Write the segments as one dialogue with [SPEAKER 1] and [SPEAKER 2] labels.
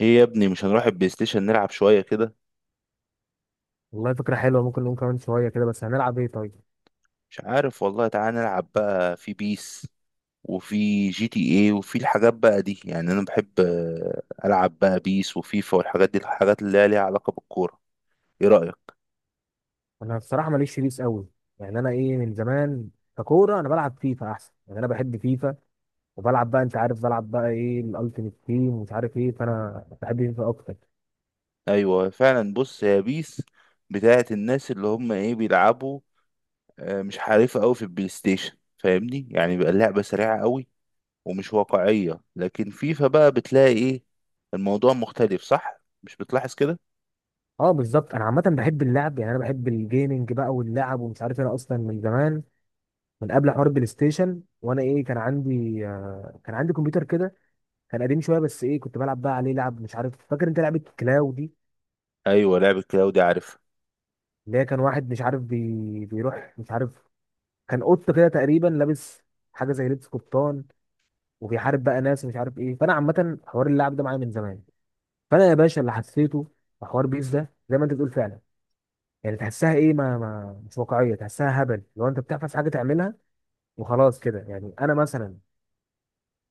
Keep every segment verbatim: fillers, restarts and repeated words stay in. [SPEAKER 1] ايه يا ابني، مش هنروح البلاي ستيشن نلعب شوية كده؟
[SPEAKER 2] والله فكرة حلوة، ممكن نقوم كمان شوية كده. بس هنلعب ايه طيب؟
[SPEAKER 1] مش عارف والله، تعالى نلعب بقى في بيس وفي جي تي ايه وفي الحاجات بقى دي. يعني انا بحب آه، العب بقى بيس وفيفا والحاجات دي، الحاجات اللي هي ليها علاقة بالكورة. ايه رأيك؟
[SPEAKER 2] أنا بصراحة ماليش في بيس قوي، يعني أنا ايه من زمان ككورة أنا بلعب فيفا أحسن، يعني أنا بحب فيفا. وبلعب بقى، أنت عارف، بلعب بقى ايه الألتيميت تيم ومش عارف ايه، فأنا بحب فيفا أكتر.
[SPEAKER 1] ايوه فعلا. بص، هي بيس بتاعت الناس اللي هم ايه بيلعبوا. آه، مش حريفة قوي في البلاي ستيشن، فاهمني؟ يعني بقى اللعبة سريعة قوي ومش واقعية، لكن فيفا بقى بتلاقي ايه الموضوع مختلف. صح؟ مش بتلاحظ كده؟
[SPEAKER 2] أه بالظبط، أنا عامة بحب اللعب، يعني أنا بحب الجيمنج بقى واللعب ومش عارف إيه. أنا أصلا من زمان، من قبل حوار البلاي ستيشن، وأنا ايه كان عندي آه، كان عندي كمبيوتر كده، كان قديم شوية بس ايه كنت بلعب بقى عليه لعب. مش عارف، فاكر أنت لعبة كلاو دي؟
[SPEAKER 1] ايوه، لعبة كلاودي، عارف.
[SPEAKER 2] اللي هي كان واحد مش عارف بي... بيروح مش عارف، كان قط كده تقريبا، لابس حاجه زي لبس قبطان، وبيحارب بقى ناس ومش عارف ايه. فانا عامه حوار اللعب ده معايا من زمان. فانا يا باشا اللي حسيته في حوار بيس ده زي ما انت بتقول فعلا، يعني تحسها ايه ما, ما مش واقعيه، تحسها هبل. لو انت بتحفظ حاجه تعملها وخلاص كده. يعني انا مثلا،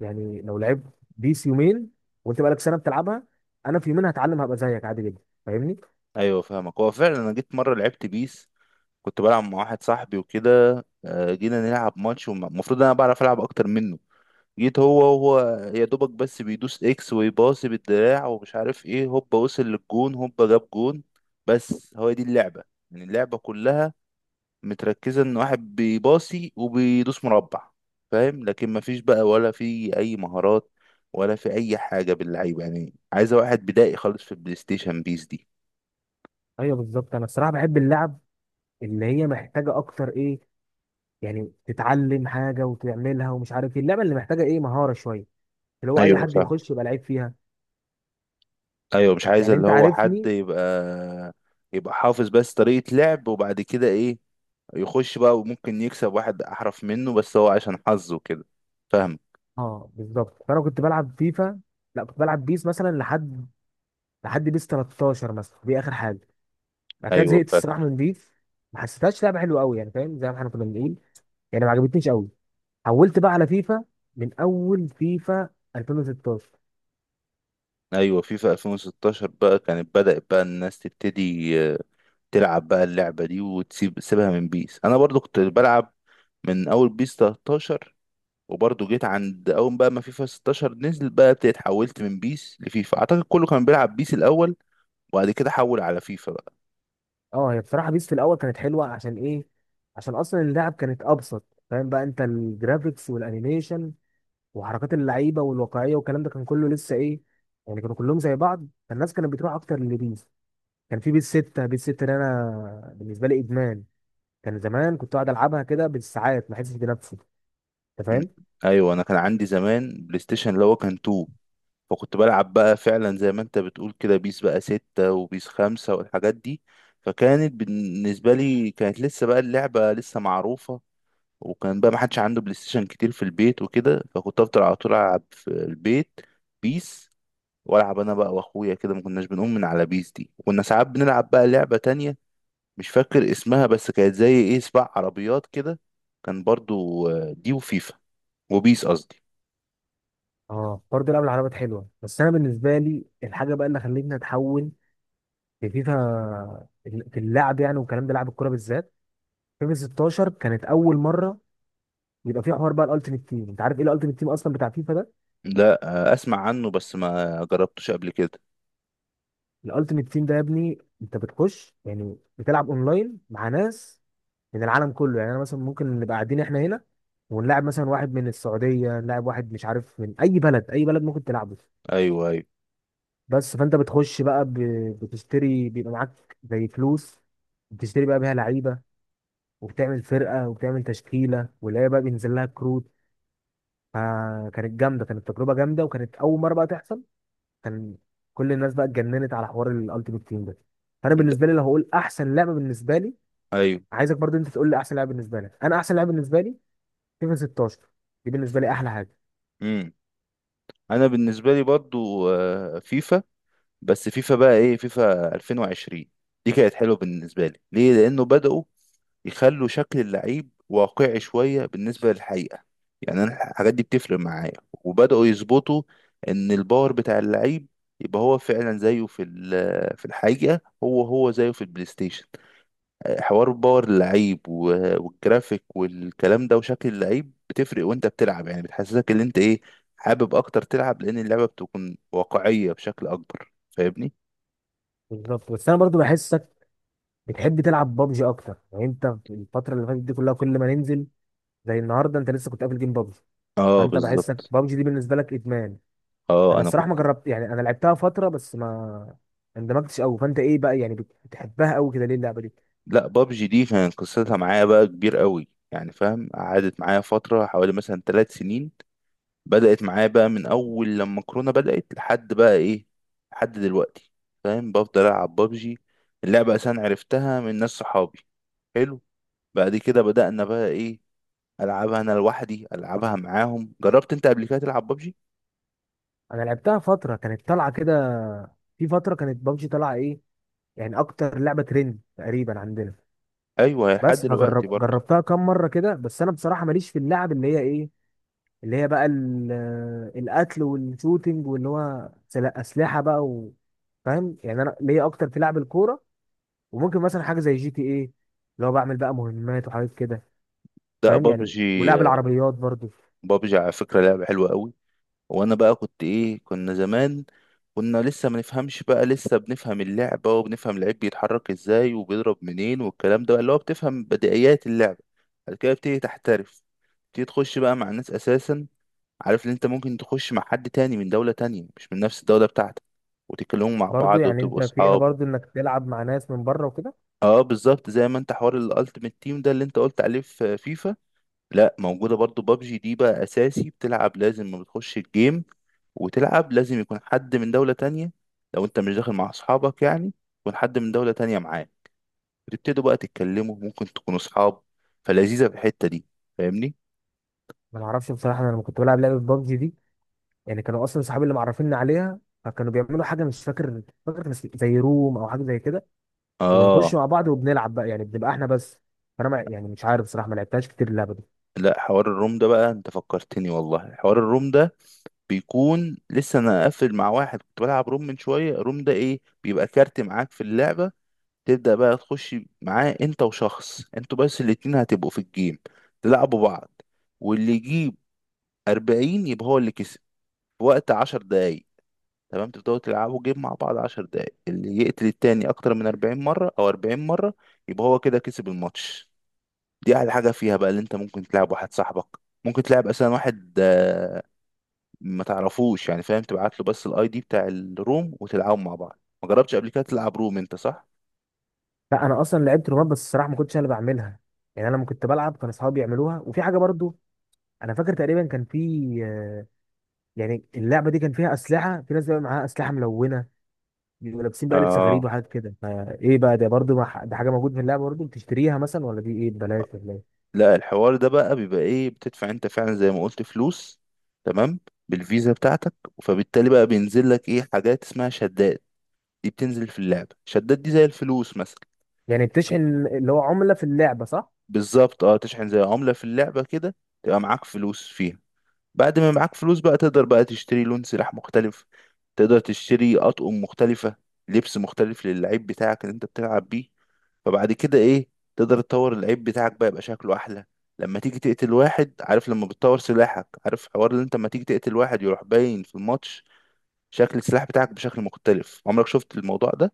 [SPEAKER 2] يعني لو لعبت بيس يومين وانت بقالك سنه بتلعبها، انا في يومين هتعلم هبقى زيك عادي جدا، فاهمني؟
[SPEAKER 1] ايوه فاهمك. هو فعلا انا جيت مره لعبت بيس، كنت بلعب مع واحد صاحبي وكده. آه، جينا نلعب ماتش، والمفروض انا بعرف العب اكتر منه، جيت هو هو يا دوبك بس بيدوس اكس ويباصي بالدراع ومش عارف ايه، هوبا وصل للجون، هوبا جاب جون. بس هو دي اللعبه، يعني اللعبه كلها متركزه ان واحد بيباصي وبيدوس مربع، فاهم؟ لكن مفيش بقى ولا في اي مهارات ولا في اي حاجه باللعيبه، يعني عايزه واحد بدائي خالص في البلاي ستيشن بيس دي.
[SPEAKER 2] ايوه بالظبط، انا الصراحه بحب اللعب اللي هي محتاجه اكتر ايه، يعني تتعلم حاجه وتعملها ومش عارف ايه، اللعبه اللي محتاجه ايه مهاره شويه، اللي هو اي
[SPEAKER 1] ايوه
[SPEAKER 2] حد
[SPEAKER 1] فاهم.
[SPEAKER 2] يخش يبقى لعيب فيها،
[SPEAKER 1] ايوه، مش عايز
[SPEAKER 2] يعني
[SPEAKER 1] اللي
[SPEAKER 2] انت
[SPEAKER 1] هو حد
[SPEAKER 2] عارفني.
[SPEAKER 1] يبقى يبقى حافظ بس طريقة لعب وبعد كده ايه، يخش بقى وممكن يكسب واحد احرف منه بس هو عشان حظه كده، فاهم؟
[SPEAKER 2] اه بالظبط، فانا كنت بلعب فيفا، لا كنت بلعب بيس مثلا لحد لحد بيس تلتاشر مثلا، دي اخر حاجه. بعد كده
[SPEAKER 1] ايوه
[SPEAKER 2] زهقت الصراحه
[SPEAKER 1] فاكر.
[SPEAKER 2] من بيس، ما حسيتهاش لعبه حلوه قوي، يعني فاهم، زي ما احنا كنا بنقول، يعني ما عجبتنيش قوي. حولت بقى على فيفا، من اول فيفا ألفين وستاشر.
[SPEAKER 1] ايوه، فيفا ألفين وستاشر بقى كانت بدأت بقى الناس تبتدي آه، تلعب بقى اللعبة دي وتسيب سيبها من بيس. انا برضو كنت بلعب من اول بيس تلتاشر، وبرضو جيت عند اول بقى ما فيفا ستاشر نزل بقى ابتديت حولت من بيس لفيفا. اعتقد كله كان بيلعب بيس الاول وبعد كده حول على فيفا.
[SPEAKER 2] اه هي بصراحه بيس في الاول كانت حلوه عشان ايه؟ عشان اصلا اللعب كانت ابسط، فاهم بقى انت، الجرافيكس والانيميشن وحركات اللعيبه والواقعيه والكلام ده كان كله لسه ايه، يعني كانوا كلهم زي بعض، فالناس كانت بتروح اكتر للبيس. كان في بيس ستة، بيس ستة ده انا بالنسبه لي ادمان، كان زمان كنت اقعد العبها كده بالساعات ما احسش بنفسي، انت
[SPEAKER 1] مم.
[SPEAKER 2] فاهم.
[SPEAKER 1] ايوه، انا كان عندي زمان بلاي ستيشن اللي هو كان اتنين، فكنت بلعب بقى فعلا زي ما انت بتقول كده بيس بقى ستة وبيس خمسة والحاجات دي. فكانت بالنسبه لي كانت لسه بقى اللعبه لسه معروفه، وكان بقى ما حدش عنده بلاي ستيشن كتير في البيت وكده، فكنت افضل على طول العب في البيت بيس. والعب انا بقى واخويا كده، ما كناش بنقوم من على بيس دي. وكنا ساعات بنلعب بقى لعبه تانية مش فاكر اسمها، بس كانت زي ايه سباق عربيات كده. كان برضو آه، دي وفيفا، وبيس قصدي.
[SPEAKER 2] اه برضه لعب العربيات حلوه، بس انا بالنسبه لي الحاجه بقى اللي خلتني اتحول في فيفا، في اللعب يعني والكلام ده، لعب الكوره بالذات. فيفا ستاشر كانت اول مره يبقى في حوار بقى الالتيميت تيم. انت عارف ايه الالتيميت تيم اصلا بتاع فيفا ده؟
[SPEAKER 1] لا، آه، اسمع عنه بس ما جربتوش قبل كده.
[SPEAKER 2] الالتيميت تيم ده يا ابني انت بتخش، يعني بتلعب اونلاين مع ناس من العالم كله، يعني انا مثلا ممكن نبقى قاعدين احنا هنا ونلاعب مثلا واحد من السعوديه، نلاعب واحد مش عارف من اي بلد، اي بلد ممكن تلعبه.
[SPEAKER 1] ايوه ايوه.
[SPEAKER 2] بس فانت بتخش بقى ب- بتشتري، بيبقى معاك زي فلوس بتشتري بقى بيها لعيبه، وبتعمل فرقه وبتعمل تشكيله، واللعيبه بقى بينزل لها كروت. فكانت جامده، كانت تجربه جامده، وكانت اول مره بقى تحصل. كان كل الناس بقى اتجننت على حوار الالتيميت تيم ده. فانا
[SPEAKER 1] انت.
[SPEAKER 2] بالنسبه لي لو هقول احسن لعبه بالنسبه لي،
[SPEAKER 1] ايوه.
[SPEAKER 2] عايزك برضو انت تقول لي احسن لعبه بالنسبه لك. انا احسن لعبه بالنسبه لي فيفا ستاشر، دي بالنسبه لي احلى حاجه.
[SPEAKER 1] امم. انا بالنسبه لي برضو آه، فيفا. بس فيفا بقى ايه فيفا ألفين وعشرين دي كانت حلوه بالنسبه لي. ليه؟ لانه بداوا يخلوا شكل اللعيب واقعي شويه بالنسبه للحقيقه، يعني انا الحاجات دي بتفرق معايا. وبداوا يظبطوا ان الباور بتاع اللعيب يبقى هو فعلا زيه في ال- في الحقيقه، هو هو زيه في البلاي ستيشن. حوار باور اللعيب و- والجرافيك والكلام ده وشكل اللعيب بتفرق وانت بتلعب، يعني بتحسسك ان انت ايه حابب اكتر تلعب، لان اللعبة بتكون واقعية بشكل اكبر، فاهمني؟
[SPEAKER 2] بالظبط، بس انا برضو بحسك بتحب تلعب بابجي اكتر، يعني انت في الفتره اللي فاتت دي كلها كل ما ننزل زي النهارده انت لسه كنت قافل جيم بابجي،
[SPEAKER 1] اه
[SPEAKER 2] فانت بحسك
[SPEAKER 1] بالظبط.
[SPEAKER 2] بابجي دي بالنسبه لك ادمان.
[SPEAKER 1] اه
[SPEAKER 2] انا
[SPEAKER 1] انا
[SPEAKER 2] الصراحه ما
[SPEAKER 1] كنت.
[SPEAKER 2] جربت، يعني انا لعبتها فتره بس ما اندمجتش قوي. فانت ايه بقى، يعني بت- بتحبها قوي كده ليه اللعبه دي؟
[SPEAKER 1] لا، بابجي دي كان قصتها معايا بقى كبير قوي، يعني فاهم قعدت معايا فترة حوالي مثلا ثلاث سنين. بدأت معايا بقى من اول لما كورونا بدأت لحد بقى ايه، لحد دلوقتي. فاهم؟ بفضل العب بابجي. اللعبة اصلا عرفتها من ناس صحابي، حلو. بعد كده بدأنا بقى ايه العبها انا لوحدي، العبها معاهم. جربت انت قبل كده تلعب بابجي؟
[SPEAKER 2] انا لعبتها فتره كانت طالعه كده، في فتره كانت بابجي طالعه ايه، يعني اكتر لعبه ترند تقريبا عندنا.
[SPEAKER 1] ايوه لحد
[SPEAKER 2] بس
[SPEAKER 1] دلوقتي
[SPEAKER 2] فجرب
[SPEAKER 1] برضه.
[SPEAKER 2] جربتها كام مره كده، بس انا بصراحه ماليش في اللعب اللي هي ايه، اللي هي بقى ال- القتل والشوتينج، واللي هو سل- اسلحه بقى و... فاهم، يعني انا ليا اكتر في لعب الكوره، وممكن مثلا حاجه زي جي تي ايه اللي هو بعمل بقى مهمات وحاجات كده،
[SPEAKER 1] ده
[SPEAKER 2] فاهم يعني،
[SPEAKER 1] بابجي.
[SPEAKER 2] ولعب العربيات برضو.
[SPEAKER 1] بابجي على فكرة لعبة حلوة قوي. وانا بقى كنت ايه، كنا زمان كنا لسه ما نفهمش، بقى لسه بنفهم اللعبة وبنفهم اللعيب بيتحرك ازاي وبيضرب منين والكلام ده، اللي هو بتفهم بدائيات اللعبة. بعد كده بتبتدي تحترف، بتبتدي تخش بقى مع الناس اساسا. عارف ان انت ممكن تخش مع حد تاني من دولة تانية مش من نفس الدولة بتاعتك، وتتكلموا مع
[SPEAKER 2] برضو
[SPEAKER 1] بعض
[SPEAKER 2] يعني
[SPEAKER 1] وتبقوا
[SPEAKER 2] انت فيها
[SPEAKER 1] صحاب.
[SPEAKER 2] برضو انك تلعب مع ناس من بره وكده.
[SPEAKER 1] اه بالظبط، زي ما انت حوار الالتيميت تيم ده اللي انت قلت عليه في فيفا، لا موجوده برضو بابجي دي بقى اساسي. بتلعب لازم ما بتخش الجيم وتلعب لازم يكون حد من دوله تانية. لو انت مش داخل مع اصحابك، يعني يكون حد من دوله تانية معاه، بتبتدوا بقى تتكلموا، ممكن تكونوا اصحاب. فلذيذه في الحته دي، فاهمني؟
[SPEAKER 2] ما اعرفش بصراحه، انا لما كنت بلعب لعبه ببجي دي، يعني كانوا اصلا صحابي اللي معرفيني عليها، فكانوا بيعملوا حاجه مش فاكر، فاكر كان اسم- زي روم او حاجه زي كده، وبنخش
[SPEAKER 1] اه.
[SPEAKER 2] مع بعض وبنلعب بقى، يعني بنبقى احنا بس. فانا ما يعني مش عارف صراحه، ما لعبتهاش كتير اللعبه دي.
[SPEAKER 1] لا، حوار الروم ده بقى انت فكرتني، والله حوار الروم ده. بيكون لسه انا قافل مع واحد كنت بلعب روم من شويه. الروم ده ايه؟ بيبقى كارت معاك في اللعبه، تبدأ بقى تخش معاه انت وشخص، انتوا بس الاتنين هتبقوا في الجيم تلعبوا بعض، واللي يجيب أربعين يبقى هو اللي كسب في وقت عشر دقايق. تمام؟ تبدأوا تلعبوا جيم مع بعض عشر دقايق، اللي يقتل التاني أكتر من أربعين مرة أو أربعين مرة يبقى هو كده كسب الماتش. دي أحلى حاجة فيها بقى، اللي انت ممكن تلعب واحد صاحبك، ممكن تلعب أصلا واحد آه، ما تعرفوش، يعني فاهم تبعت له بس الاي دي بتاع الروم وتلعبوا مع بعض. ما جربتش قبل كده تلعب روم انت، صح؟
[SPEAKER 2] لا انا اصلا لعبت رومات، بس الصراحه ما كنتش انا اللي بعملها، يعني انا لما كنت بلعب كان اصحابي بيعملوها. وفي حاجه برضو انا فاكر تقريبا، كان في آه، يعني اللعبه دي كان فيها اسلحه، في ناس بقى معاها اسلحه ملونه، بيبقوا لابسين بقى لبس غريب
[SPEAKER 1] اه.
[SPEAKER 2] وحاجات كده. فايه بقى ده برضو، ما- ده حاجه موجوده في اللعبه برضو، بتشتريها مثلا ولا دي ايه ببلاش ولا ايه؟
[SPEAKER 1] لا، الحوار ده بقى بيبقى ايه بتدفع انت فعلا زي ما قلت فلوس. تمام، بالفيزا بتاعتك. فبالتالي بقى بينزل لك ايه حاجات اسمها شدات، دي بتنزل في اللعبة. شدات دي زي الفلوس مثلا.
[SPEAKER 2] يعني بتشحن اللي هو عمله في اللعبه، صح؟
[SPEAKER 1] بالظبط، اه، تشحن زي عملة في اللعبة كده، تبقى معاك فلوس فيها. بعد ما معاك فلوس بقى تقدر بقى تشتري لون سلاح مختلف، تقدر تشتري أطقم مختلفة، لبس مختلف للعيب بتاعك اللي انت بتلعب بيه. فبعد كده ايه، تقدر تطور العيب بتاعك بقى يبقى شكله احلى. لما تيجي تقتل واحد، عارف لما بتطور سلاحك، عارف حوار اللي انت لما تيجي تقتل واحد يروح باين في الماتش شكل السلاح بتاعك بشكل مختلف؟ عمرك شفت الموضوع ده؟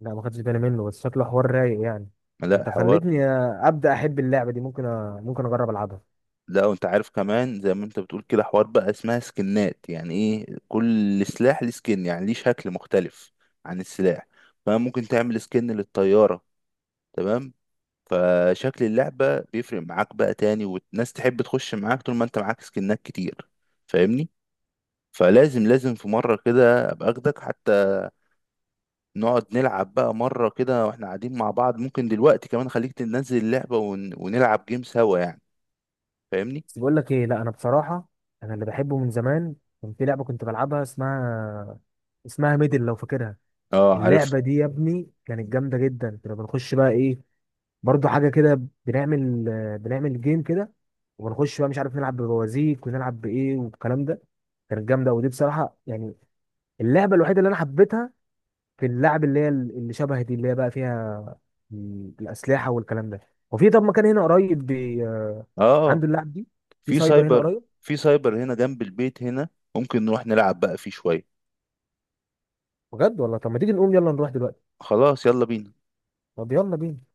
[SPEAKER 2] لا ما خدتش بالي منه، بس شكله حوار رايق يعني.
[SPEAKER 1] لا
[SPEAKER 2] انت
[SPEAKER 1] حوار.
[SPEAKER 2] خلتني ابدا احب اللعبه دي، ممكن أ... ممكن اجرب العبها.
[SPEAKER 1] لا، وانت عارف كمان زي ما انت بتقول كده، حوار بقى اسمها سكنات، يعني ايه كل سلاح ليه سكن، يعني ليه شكل مختلف عن السلاح. فممكن تعمل سكن للطيارة، تمام؟ فشكل اللعبة بيفرق معاك بقى تاني، والناس تحب تخش معاك طول ما انت معاك سكنات كتير، فاهمني؟ فلازم لازم في مرة كده ابقى اخدك حتى، نقعد نلعب بقى مرة كده واحنا قاعدين مع بعض. ممكن دلوقتي كمان خليك تنزل اللعبة ون... ونلعب جيم سوا، يعني فاهمني؟
[SPEAKER 2] بس بقول لك ايه، لا انا بصراحه انا اللي بحبه من زمان، كان في لعبه كنت بلعبها اسمها اسمها ميدل، لو فاكرها.
[SPEAKER 1] اه عارف.
[SPEAKER 2] اللعبه دي يا ابني كانت جامده جدا، كنا بنخش بقى ايه، برضو حاجه كده، بنعمل بنعمل جيم كده، وبنخش بقى مش عارف نلعب ببوازيك، ونلعب بايه والكلام ده. كانت جامده، ودي بصراحه يعني اللعبه الوحيده اللي انا حبيتها في اللعب اللي هي اللي شبه دي، اللي هي بقى فيها الأسلحة والكلام ده. وفي، طب، مكان هنا قريب بي... آه،
[SPEAKER 1] اه،
[SPEAKER 2] عنده اللعب دي، في
[SPEAKER 1] في
[SPEAKER 2] سايبر هنا
[SPEAKER 1] سايبر.
[SPEAKER 2] قريب.
[SPEAKER 1] في سايبر هنا جنب البيت هنا، ممكن نروح نلعب بقى فيه شوية.
[SPEAKER 2] بجد والله؟ طب ما تيجي نقوم، يلا نروح دلوقتي.
[SPEAKER 1] خلاص، يلا بينا.
[SPEAKER 2] طب يلا بينا.